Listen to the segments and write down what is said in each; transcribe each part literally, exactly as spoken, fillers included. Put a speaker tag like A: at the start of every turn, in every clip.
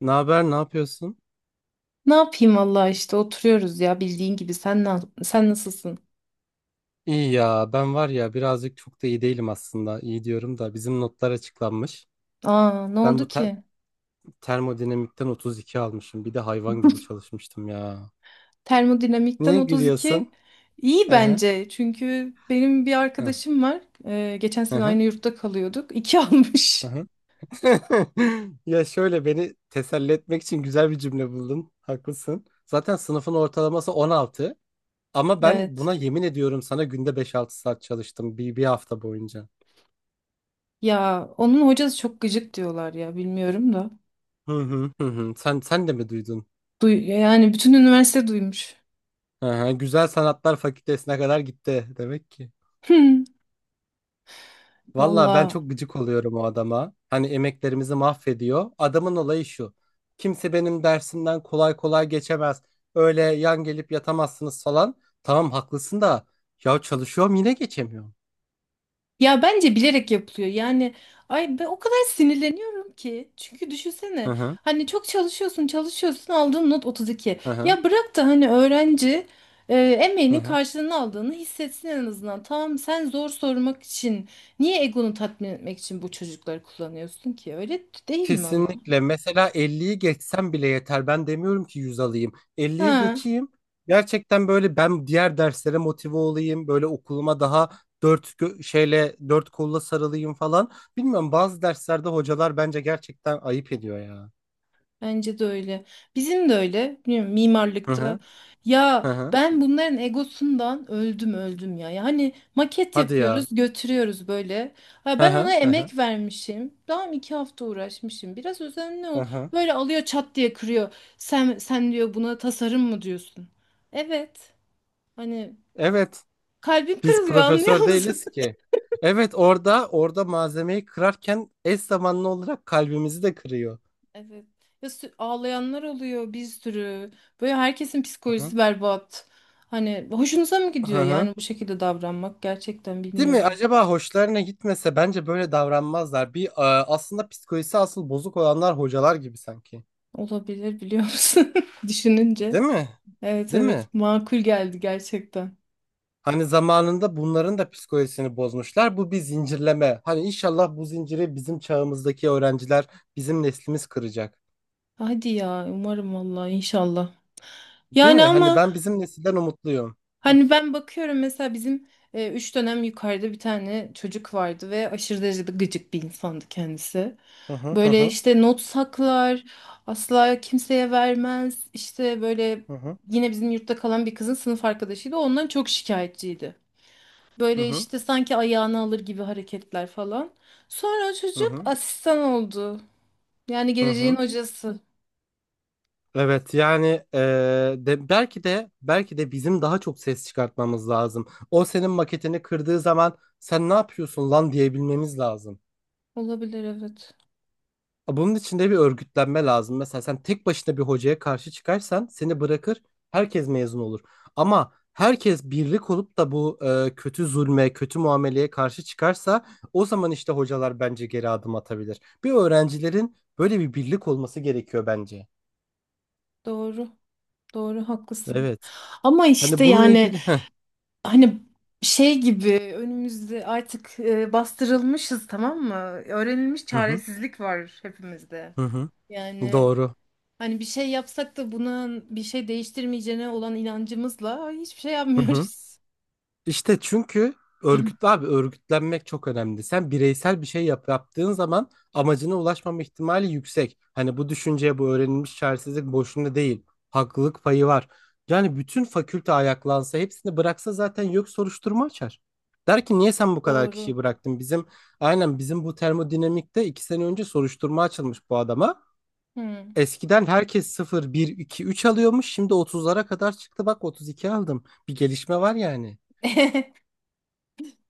A: Ne haber, ne yapıyorsun?
B: Ne yapayım valla işte oturuyoruz ya bildiğin gibi sen na- sen nasılsın?
A: İyi ya, ben var ya birazcık çok da iyi değilim aslında. İyi diyorum da bizim notlar açıklanmış.
B: Aa ne
A: Ben
B: oldu
A: bu
B: ki?
A: te- termodinamikten otuz iki almışım. Bir de hayvan gibi çalışmıştım ya.
B: Termodinamikten
A: Niye
B: otuz iki
A: gülüyorsun?
B: iyi
A: Aha,
B: bence. Çünkü benim bir
A: aha,
B: arkadaşım var. Ee, geçen sene
A: aha,
B: aynı yurtta kalıyorduk. iki almış.
A: aha. Ya şöyle beni teselli etmek için güzel bir cümle buldun. Haklısın. Zaten sınıfın ortalaması on altı. Ama ben
B: Evet.
A: buna yemin ediyorum sana günde beş altı saat çalıştım bir, bir hafta boyunca.
B: Ya onun hocası çok gıcık diyorlar ya bilmiyorum da.
A: Hı hı hı hı. Sen sen de mi duydun?
B: Duy yani bütün üniversite duymuş.
A: Aha, Güzel Sanatlar Fakültesine kadar gitti demek ki. Valla ben
B: Valla
A: çok gıcık oluyorum o adama. Hani emeklerimizi mahvediyor. Adamın olayı şu. Kimse benim dersimden kolay kolay geçemez. Öyle yan gelip yatamazsınız falan. Tamam haklısın da. Ya çalışıyorum yine geçemiyorum.
B: ya bence bilerek yapılıyor. Yani ay ben o kadar sinirleniyorum ki. Çünkü
A: Hı
B: düşünsene
A: hı.
B: hani çok çalışıyorsun çalışıyorsun aldığın not otuz iki.
A: Hı hı.
B: Ya bırak da hani öğrenci e,
A: Hı
B: emeğinin
A: hı.
B: karşılığını aldığını hissetsin en azından. Tamam sen zor sormak için niye egonu tatmin etmek için bu çocukları kullanıyorsun ki? Öyle değil mi ama?
A: Kesinlikle. Mesela elliyi geçsem bile yeter. Ben demiyorum ki yüz alayım. Elliyi
B: Ha.
A: geçeyim. Gerçekten böyle ben diğer derslere motive olayım. Böyle okuluma daha dört gö- şeyle dört kolla sarılayım falan. Bilmiyorum bazı derslerde hocalar bence gerçekten ayıp ediyor ya.
B: Bence de öyle. Bizim de öyle. Bilmiyorum,
A: Hı hı.
B: mimarlıkta.
A: Hı
B: Ya
A: hı.
B: ben bunların egosundan öldüm öldüm ya. Yani maket
A: Hadi
B: yapıyoruz,
A: ya.
B: götürüyoruz böyle. Ha,
A: Hı
B: ben ona
A: hı. Hı hı.
B: emek vermişim. Tamam iki hafta uğraşmışım. Biraz özenli
A: Hı
B: ol.
A: hı.
B: Böyle alıyor çat diye kırıyor. Sen sen diyor buna tasarım mı diyorsun? Evet. Hani
A: Evet.
B: kalbim
A: Biz
B: kırılıyor anlıyor
A: profesör
B: musun?
A: değiliz ki. Evet orada orada malzemeyi kırarken eş zamanlı olarak kalbimizi de kırıyor.
B: Evet. Ya sü- ağlayanlar oluyor bir sürü. Böyle herkesin
A: Hı hı.
B: psikolojisi berbat. Hani hoşunuza mı
A: Hı
B: gidiyor
A: hı.
B: yani bu şekilde davranmak? Gerçekten
A: Değil mi?
B: bilmiyorum.
A: Acaba hoşlarına gitmese bence böyle davranmazlar. Bir e, aslında psikolojisi asıl bozuk olanlar hocalar gibi sanki.
B: Olabilir biliyor musun? Düşününce.
A: Değil mi?
B: Evet
A: Değil
B: evet
A: mi?
B: makul geldi gerçekten.
A: Hani zamanında bunların da psikolojisini bozmuşlar. Bu bir zincirleme. Hani inşallah bu zinciri bizim çağımızdaki öğrenciler, bizim neslimiz kıracak.
B: Hadi ya umarım vallahi inşallah.
A: Değil
B: Yani
A: mi? Hani
B: ama
A: ben bizim nesilden umutluyum.
B: hani ben bakıyorum mesela bizim e, üç dönem yukarıda bir tane çocuk vardı ve aşırı derecede gıcık bir insandı kendisi.
A: Hı hı hı
B: Böyle
A: hı
B: işte not saklar, asla kimseye vermez. İşte böyle
A: hı
B: yine bizim yurtta kalan bir kızın sınıf arkadaşıydı. Ondan çok şikayetçiydi. Böyle
A: hı
B: işte sanki ayağını alır gibi hareketler falan. Sonra o çocuk
A: hı
B: asistan oldu. Yani
A: hı
B: geleceğin
A: hı.
B: hocası.
A: Evet yani e, de, belki de belki de bizim daha çok ses çıkartmamız lazım. O senin maketini kırdığı zaman sen ne yapıyorsun lan diyebilmemiz lazım.
B: Olabilir evet.
A: Bunun için de bir örgütlenme lazım. Mesela sen tek başına bir hocaya karşı çıkarsan seni bırakır herkes mezun olur. Ama herkes birlik olup da bu e, kötü zulme, kötü muameleye karşı çıkarsa o zaman işte hocalar bence geri adım atabilir. Bir öğrencilerin böyle bir birlik olması gerekiyor bence.
B: Doğru. Doğru haklısın.
A: Evet.
B: Ama işte
A: Hani bununla
B: yani
A: ilgili... Heh.
B: hani şey gibi önümüzde artık e, bastırılmışız tamam mı? Öğrenilmiş
A: Hı hı.
B: çaresizlik var hepimizde.
A: Hı hı.
B: Yani
A: Doğru.
B: hani bir şey yapsak da bunun bir şey değiştirmeyeceğine olan inancımızla hiçbir şey
A: Hı hı.
B: yapmıyoruz.
A: İşte çünkü örgütlü abi örgütlenmek çok önemli. Sen bireysel bir şey yap, yaptığın zaman amacına ulaşmama ihtimali yüksek. Hani bu düşünceye bu öğrenilmiş çaresizlik boşuna değil. Haklılık payı var. Yani bütün fakülte ayaklansa hepsini bıraksa zaten yok soruşturma açar. Der ki niye sen bu kadar kişiyi
B: Doğru.
A: bıraktın? Bizim aynen bizim bu termodinamikte iki sene önce soruşturma açılmış bu adama.
B: Hmm.
A: Eskiden herkes sıfır, bir, iki, üç alıyormuş. Şimdi otuzlara kadar çıktı. Bak otuz iki aldım. Bir gelişme var yani.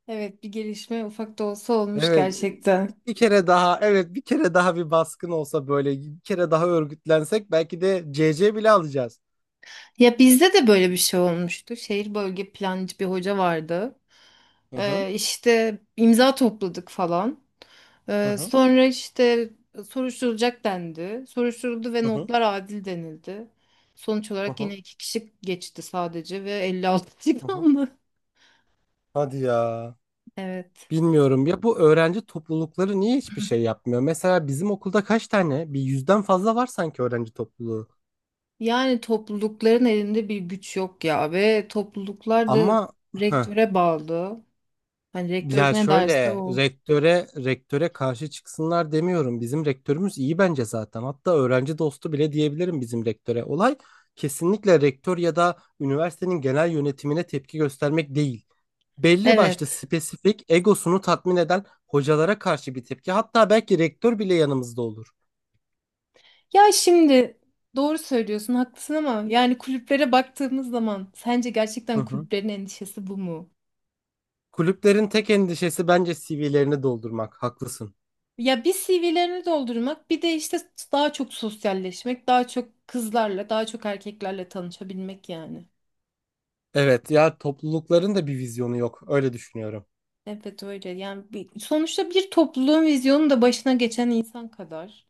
B: Evet bir gelişme ufak da olsa olmuş
A: Evet.
B: gerçekten.
A: Bir kere daha, evet bir kere daha bir baskın olsa böyle bir kere daha örgütlensek belki de C C bile alacağız.
B: Ya bizde de böyle bir şey olmuştu. Şehir bölge plancı bir hoca vardı.
A: Hı hı.
B: Ee, işte imza topladık falan.
A: Hı
B: Ee,
A: hı,
B: sonra işte soruşturulacak dendi. Soruşturuldu ve
A: hı hı,
B: notlar adil denildi. Sonuç
A: hı
B: olarak yine
A: hı,
B: iki kişi geçti sadece ve elli altı
A: hı hı.
B: aldı.
A: Hadi ya.
B: Evet.
A: Bilmiyorum ya bu öğrenci toplulukları niye hiçbir şey yapmıyor? Mesela bizim okulda kaç tane? Bir yüzden fazla var sanki öğrenci topluluğu.
B: Yani toplulukların elinde bir güç yok ya ve topluluklar da
A: Ama heh.
B: rektöre bağlı. Hani rektör
A: Ya
B: ne derse
A: şöyle
B: o.
A: rektöre rektöre karşı çıksınlar demiyorum. Bizim rektörümüz iyi bence zaten. Hatta öğrenci dostu bile diyebilirim bizim rektöre. Olay kesinlikle rektör ya da üniversitenin genel yönetimine tepki göstermek değil. Belli başlı
B: Evet.
A: spesifik egosunu tatmin eden hocalara karşı bir tepki. Hatta belki rektör bile yanımızda olur.
B: Ya şimdi doğru söylüyorsun, haklısın ama yani kulüplere baktığımız zaman sence
A: Hı
B: gerçekten
A: hı.
B: kulüplerin endişesi bu mu?
A: Kulüplerin tek endişesi bence C V'lerini doldurmak. Haklısın.
B: Ya bir C V'lerini doldurmak, bir de işte daha çok sosyalleşmek, daha çok kızlarla, daha çok erkeklerle tanışabilmek yani.
A: Evet ya toplulukların da bir vizyonu yok. Öyle düşünüyorum.
B: Evet öyle. Yani bir- sonuçta bir topluluğun vizyonu da başına geçen insan kadar.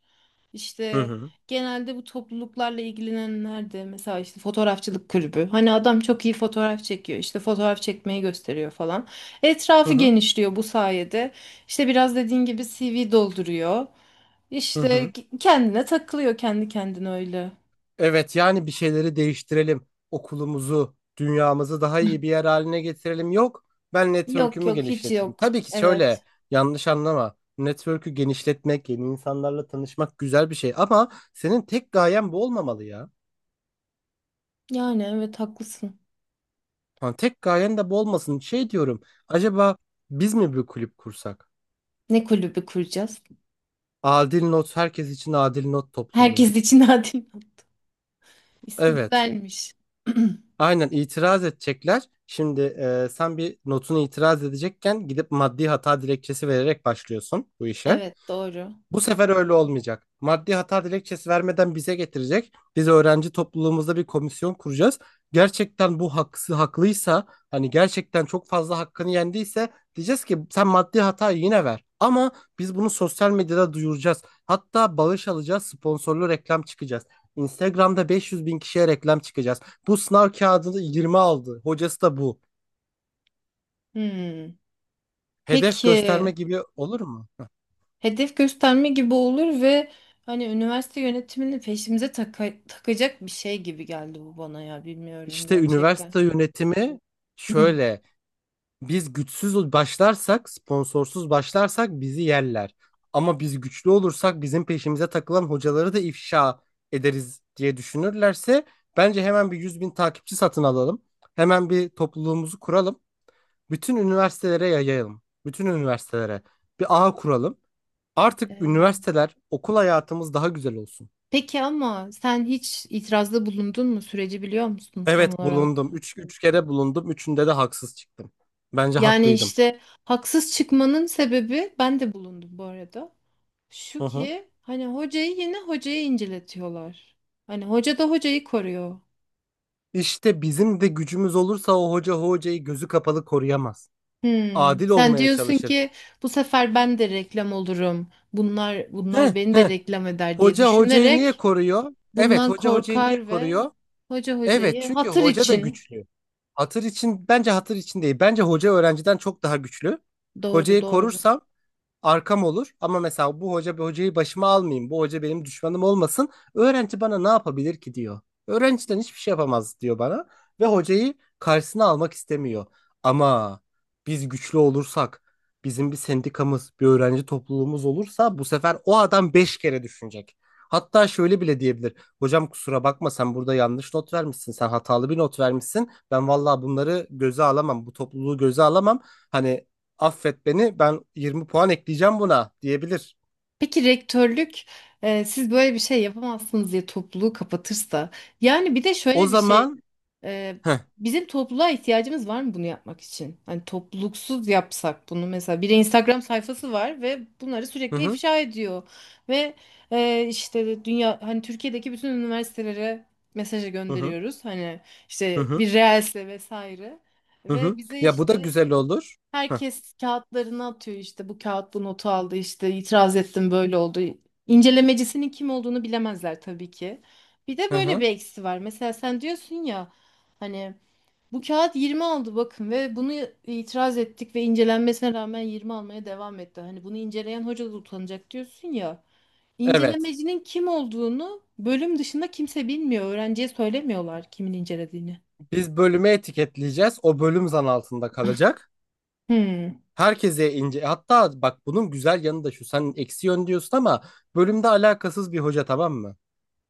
A: Hı
B: İşte
A: hı.
B: genelde bu topluluklarla ilgilenenler de mesela işte fotoğrafçılık kulübü. Hani adam çok iyi fotoğraf çekiyor. İşte fotoğraf çekmeyi gösteriyor falan.
A: Hı
B: Etrafı
A: hı.
B: genişliyor bu sayede. İşte biraz dediğin gibi C V dolduruyor.
A: Hı
B: İşte
A: hı.
B: kendine takılıyor kendi kendine öyle.
A: Evet yani bir şeyleri değiştirelim. Okulumuzu, dünyamızı daha iyi bir yer haline getirelim. Yok ben
B: Yok
A: network'ümü
B: yok hiç
A: genişleteyim.
B: yok.
A: Tabii ki şöyle
B: Evet.
A: yanlış anlama. Network'ü genişletmek, yeni insanlarla tanışmak güzel bir şey. Ama senin tek gayen bu olmamalı ya.
B: Yani evet haklısın.
A: Ha, tek gayen de bu olmasın. Şey diyorum acaba biz mi bir kulüp kursak?
B: Ne kulübü kuracağız?
A: Adil Not herkes için adil not topluluğu.
B: Herkes için adil. İsmi
A: Evet.
B: güzelmiş.
A: Aynen itiraz edecekler. Şimdi e, sen bir notunu itiraz edecekken gidip maddi hata dilekçesi vererek başlıyorsun bu işe.
B: Evet doğru.
A: Bu sefer öyle olmayacak. Maddi hata dilekçesi vermeden bize getirecek. Biz öğrenci topluluğumuzda bir komisyon kuracağız. Gerçekten bu haksız haklıysa hani gerçekten çok fazla hakkını yendiyse diyeceğiz ki sen maddi hatayı yine ver. Ama biz bunu sosyal medyada duyuracağız. Hatta bağış alacağız, sponsorlu reklam çıkacağız. Instagram'da beş yüz bin kişiye reklam çıkacağız. Bu sınav kağıdını yirmi aldı. Hocası da bu.
B: Hmm.
A: Hedef gösterme
B: Peki.
A: gibi olur mu?
B: Hedef gösterme gibi olur ve hani üniversite yönetimini peşimize taka- takacak bir şey gibi geldi bu bana ya bilmiyorum
A: İşte
B: gerçekten.
A: üniversite yönetimi şöyle. Biz güçsüz başlarsak, sponsorsuz başlarsak bizi yerler. Ama biz güçlü olursak bizim peşimize takılan hocaları da ifşa ederiz diye düşünürlerse bence hemen bir yüz bin takipçi satın alalım. Hemen bir topluluğumuzu kuralım. Bütün üniversitelere yayalım, bütün üniversitelere bir ağ kuralım. Artık
B: Ee,
A: üniversiteler, okul hayatımız daha güzel olsun.
B: Peki ama sen hiç itirazda bulundun mu? Süreci biliyor musun tam
A: Evet
B: olarak?
A: bulundum. Üç, üç kere bulundum. Üçünde de haksız çıktım. Bence
B: Yani
A: haklıydım.
B: işte haksız çıkmanın sebebi ben de bulundum bu arada.
A: Hı
B: Şu
A: hı.
B: ki hani hocayı yine hocayı inceletiyorlar. Hani hoca da hocayı koruyor.
A: İşte bizim de gücümüz olursa o hoca hocayı gözü kapalı koruyamaz.
B: Hmm.
A: Adil
B: Sen
A: olmaya
B: diyorsun
A: çalışır.
B: ki bu sefer ben de reklam olurum. Bunlar
A: Heh,
B: bunlar beni de
A: heh.
B: reklam eder diye
A: Hoca hocayı niye
B: düşünerek
A: koruyor? Evet,
B: bundan
A: hoca hocayı niye
B: korkar ve
A: koruyor?
B: hoca
A: Evet,
B: hocayı
A: çünkü
B: hatır
A: hoca da
B: için
A: güçlü. Hatır için bence hatır için değil. Bence hoca öğrenciden çok daha güçlü.
B: doğru
A: Hocayı
B: doğru.
A: korursam arkam olur ama mesela bu hoca bu hocayı başıma almayayım. Bu hoca benim düşmanım olmasın. Öğrenci bana ne yapabilir ki diyor. Öğrenciden hiçbir şey yapamaz diyor bana ve hocayı karşısına almak istemiyor. Ama biz güçlü olursak, bizim bir sendikamız, bir öğrenci topluluğumuz olursa bu sefer o adam beş kere düşünecek. Hatta şöyle bile diyebilir. Hocam kusura bakma sen burada yanlış not vermişsin. Sen hatalı bir not vermişsin. Ben vallahi bunları göze alamam. Bu topluluğu göze alamam. Hani affet beni ben yirmi puan ekleyeceğim buna diyebilir.
B: Peki rektörlük e, siz böyle bir şey yapamazsınız diye topluluğu kapatırsa yani bir de
A: O
B: şöyle bir şey.
A: zaman
B: Ee,
A: Heh,
B: Bizim topluluğa ihtiyacımız var mı bunu yapmak için? Hani topluluksuz yapsak bunu mesela bir Instagram sayfası var ve bunları
A: hı
B: sürekli
A: hı
B: ifşa ediyor ve e, işte dünya hani Türkiye'deki bütün üniversitelere mesaja
A: hı hı
B: gönderiyoruz hani
A: hı
B: işte
A: hı
B: bir reelse vesaire
A: hı hı.
B: ve bize
A: Ya bu da
B: işte
A: güzel olur. Heh,
B: herkes kağıtlarını atıyor işte bu kağıt bu notu aldı işte itiraz ettim böyle oldu. İncelemecisinin kim olduğunu bilemezler tabii ki. Bir de
A: hı
B: böyle
A: hı.
B: bir eksi var. Mesela sen diyorsun ya hani bu kağıt yirmi aldı bakın ve bunu itiraz ettik ve incelenmesine rağmen yirmi almaya devam etti. Hani bunu inceleyen hoca da utanacak diyorsun ya.
A: Evet.
B: İncelemecinin kim olduğunu bölüm dışında kimse bilmiyor. Öğrenciye söylemiyorlar kimin incelediğini.
A: Biz bölüme etiketleyeceğiz. O bölüm zan altında kalacak.
B: Hmm,
A: Herkese ince hatta bak bunun güzel yanı da şu sen eksi yön diyorsun ama bölümde alakasız bir hoca tamam mı?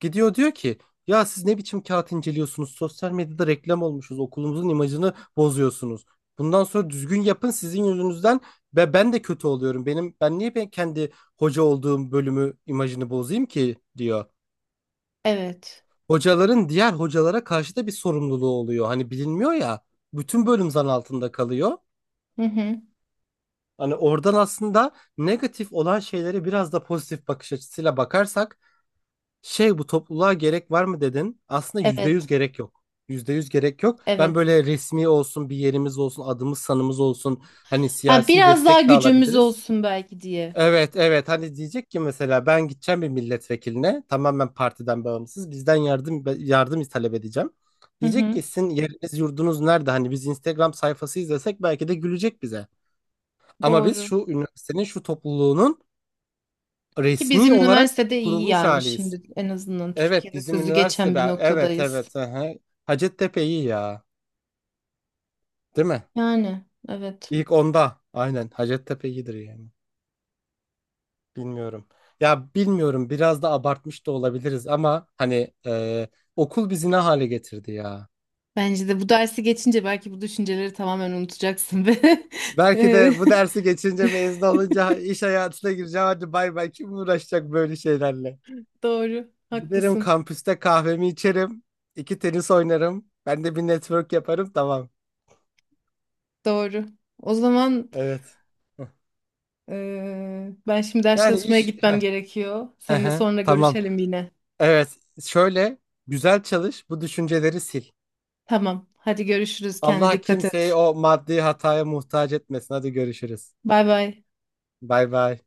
A: Gidiyor diyor ki ya siz ne biçim kağıt inceliyorsunuz? Sosyal medyada reklam olmuşuz. Okulumuzun imajını bozuyorsunuz. Bundan sonra düzgün yapın sizin yüzünüzden ve ben de kötü oluyorum. Benim ben niye ben kendi hoca olduğum bölümü imajını bozayım ki diyor.
B: evet.
A: Hocaların diğer hocalara karşı da bir sorumluluğu oluyor. Hani bilinmiyor ya. Bütün bölüm zan altında kalıyor.
B: Hı hı.
A: Hani oradan aslında negatif olan şeylere biraz da pozitif bakış açısıyla bakarsak şey bu topluluğa gerek var mı dedin. Aslında yüzde yüz
B: Evet.
A: gerek yok. Yüzde yüz gerek yok. Ben
B: Evet.
A: böyle resmi olsun, bir yerimiz olsun, adımız sanımız olsun. Hani
B: Ha
A: siyasi
B: biraz daha
A: destek de
B: gücümüz
A: alabiliriz.
B: olsun belki diye.
A: Evet, evet. Hani diyecek ki mesela ben gideceğim bir milletvekiline tamamen partiden bağımsız bizden yardım yardım talep edeceğim.
B: Hı
A: Diyecek
B: hı.
A: ki sizin yeriniz yurdunuz nerede? Hani biz Instagram sayfası izlesek belki de gülecek bize. Ama biz
B: Doğru.
A: şu üniversitenin şu topluluğunun
B: Ki bizim
A: resmi olarak
B: üniversitede iyi
A: kurulmuş
B: yani
A: haliyiz.
B: şimdi en azından
A: Evet
B: Türkiye'de
A: bizim
B: sözü
A: üniversite
B: geçen bir
A: be- evet
B: noktadayız.
A: evet aha. Hacettepe iyi ya, değil mi?
B: Yani evet.
A: ilk onda aynen Hacettepe iyidir yani bilmiyorum. Ya bilmiyorum biraz da abartmış da olabiliriz ama hani e, okul bizi ne hale getirdi ya.
B: Bence de bu dersi geçince belki bu düşünceleri tamamen unutacaksın ve
A: Belki
B: Eee,
A: de bu dersi geçince mezun olunca iş hayatına gireceğim hadi bay bay kim uğraşacak böyle şeylerle.
B: doğru.
A: Giderim
B: Haklısın.
A: kampüste kahvemi içerim iki tenis oynarım ben de bir network yaparım tamam
B: Doğru. O zaman
A: evet. Heh.
B: eee, ben şimdi ders
A: Yani
B: çalışmaya
A: iş
B: gitmem
A: Heh,
B: gerekiyor. Seninle
A: aha,
B: sonra
A: tamam.
B: görüşelim yine.
A: Evet, şöyle güzel çalış, bu düşünceleri sil.
B: Tamam. Hadi görüşürüz. Kendine
A: Allah
B: dikkat
A: kimseyi
B: et.
A: o maddi hataya muhtaç etmesin. Hadi görüşürüz.
B: Bay bay.
A: Bay bay.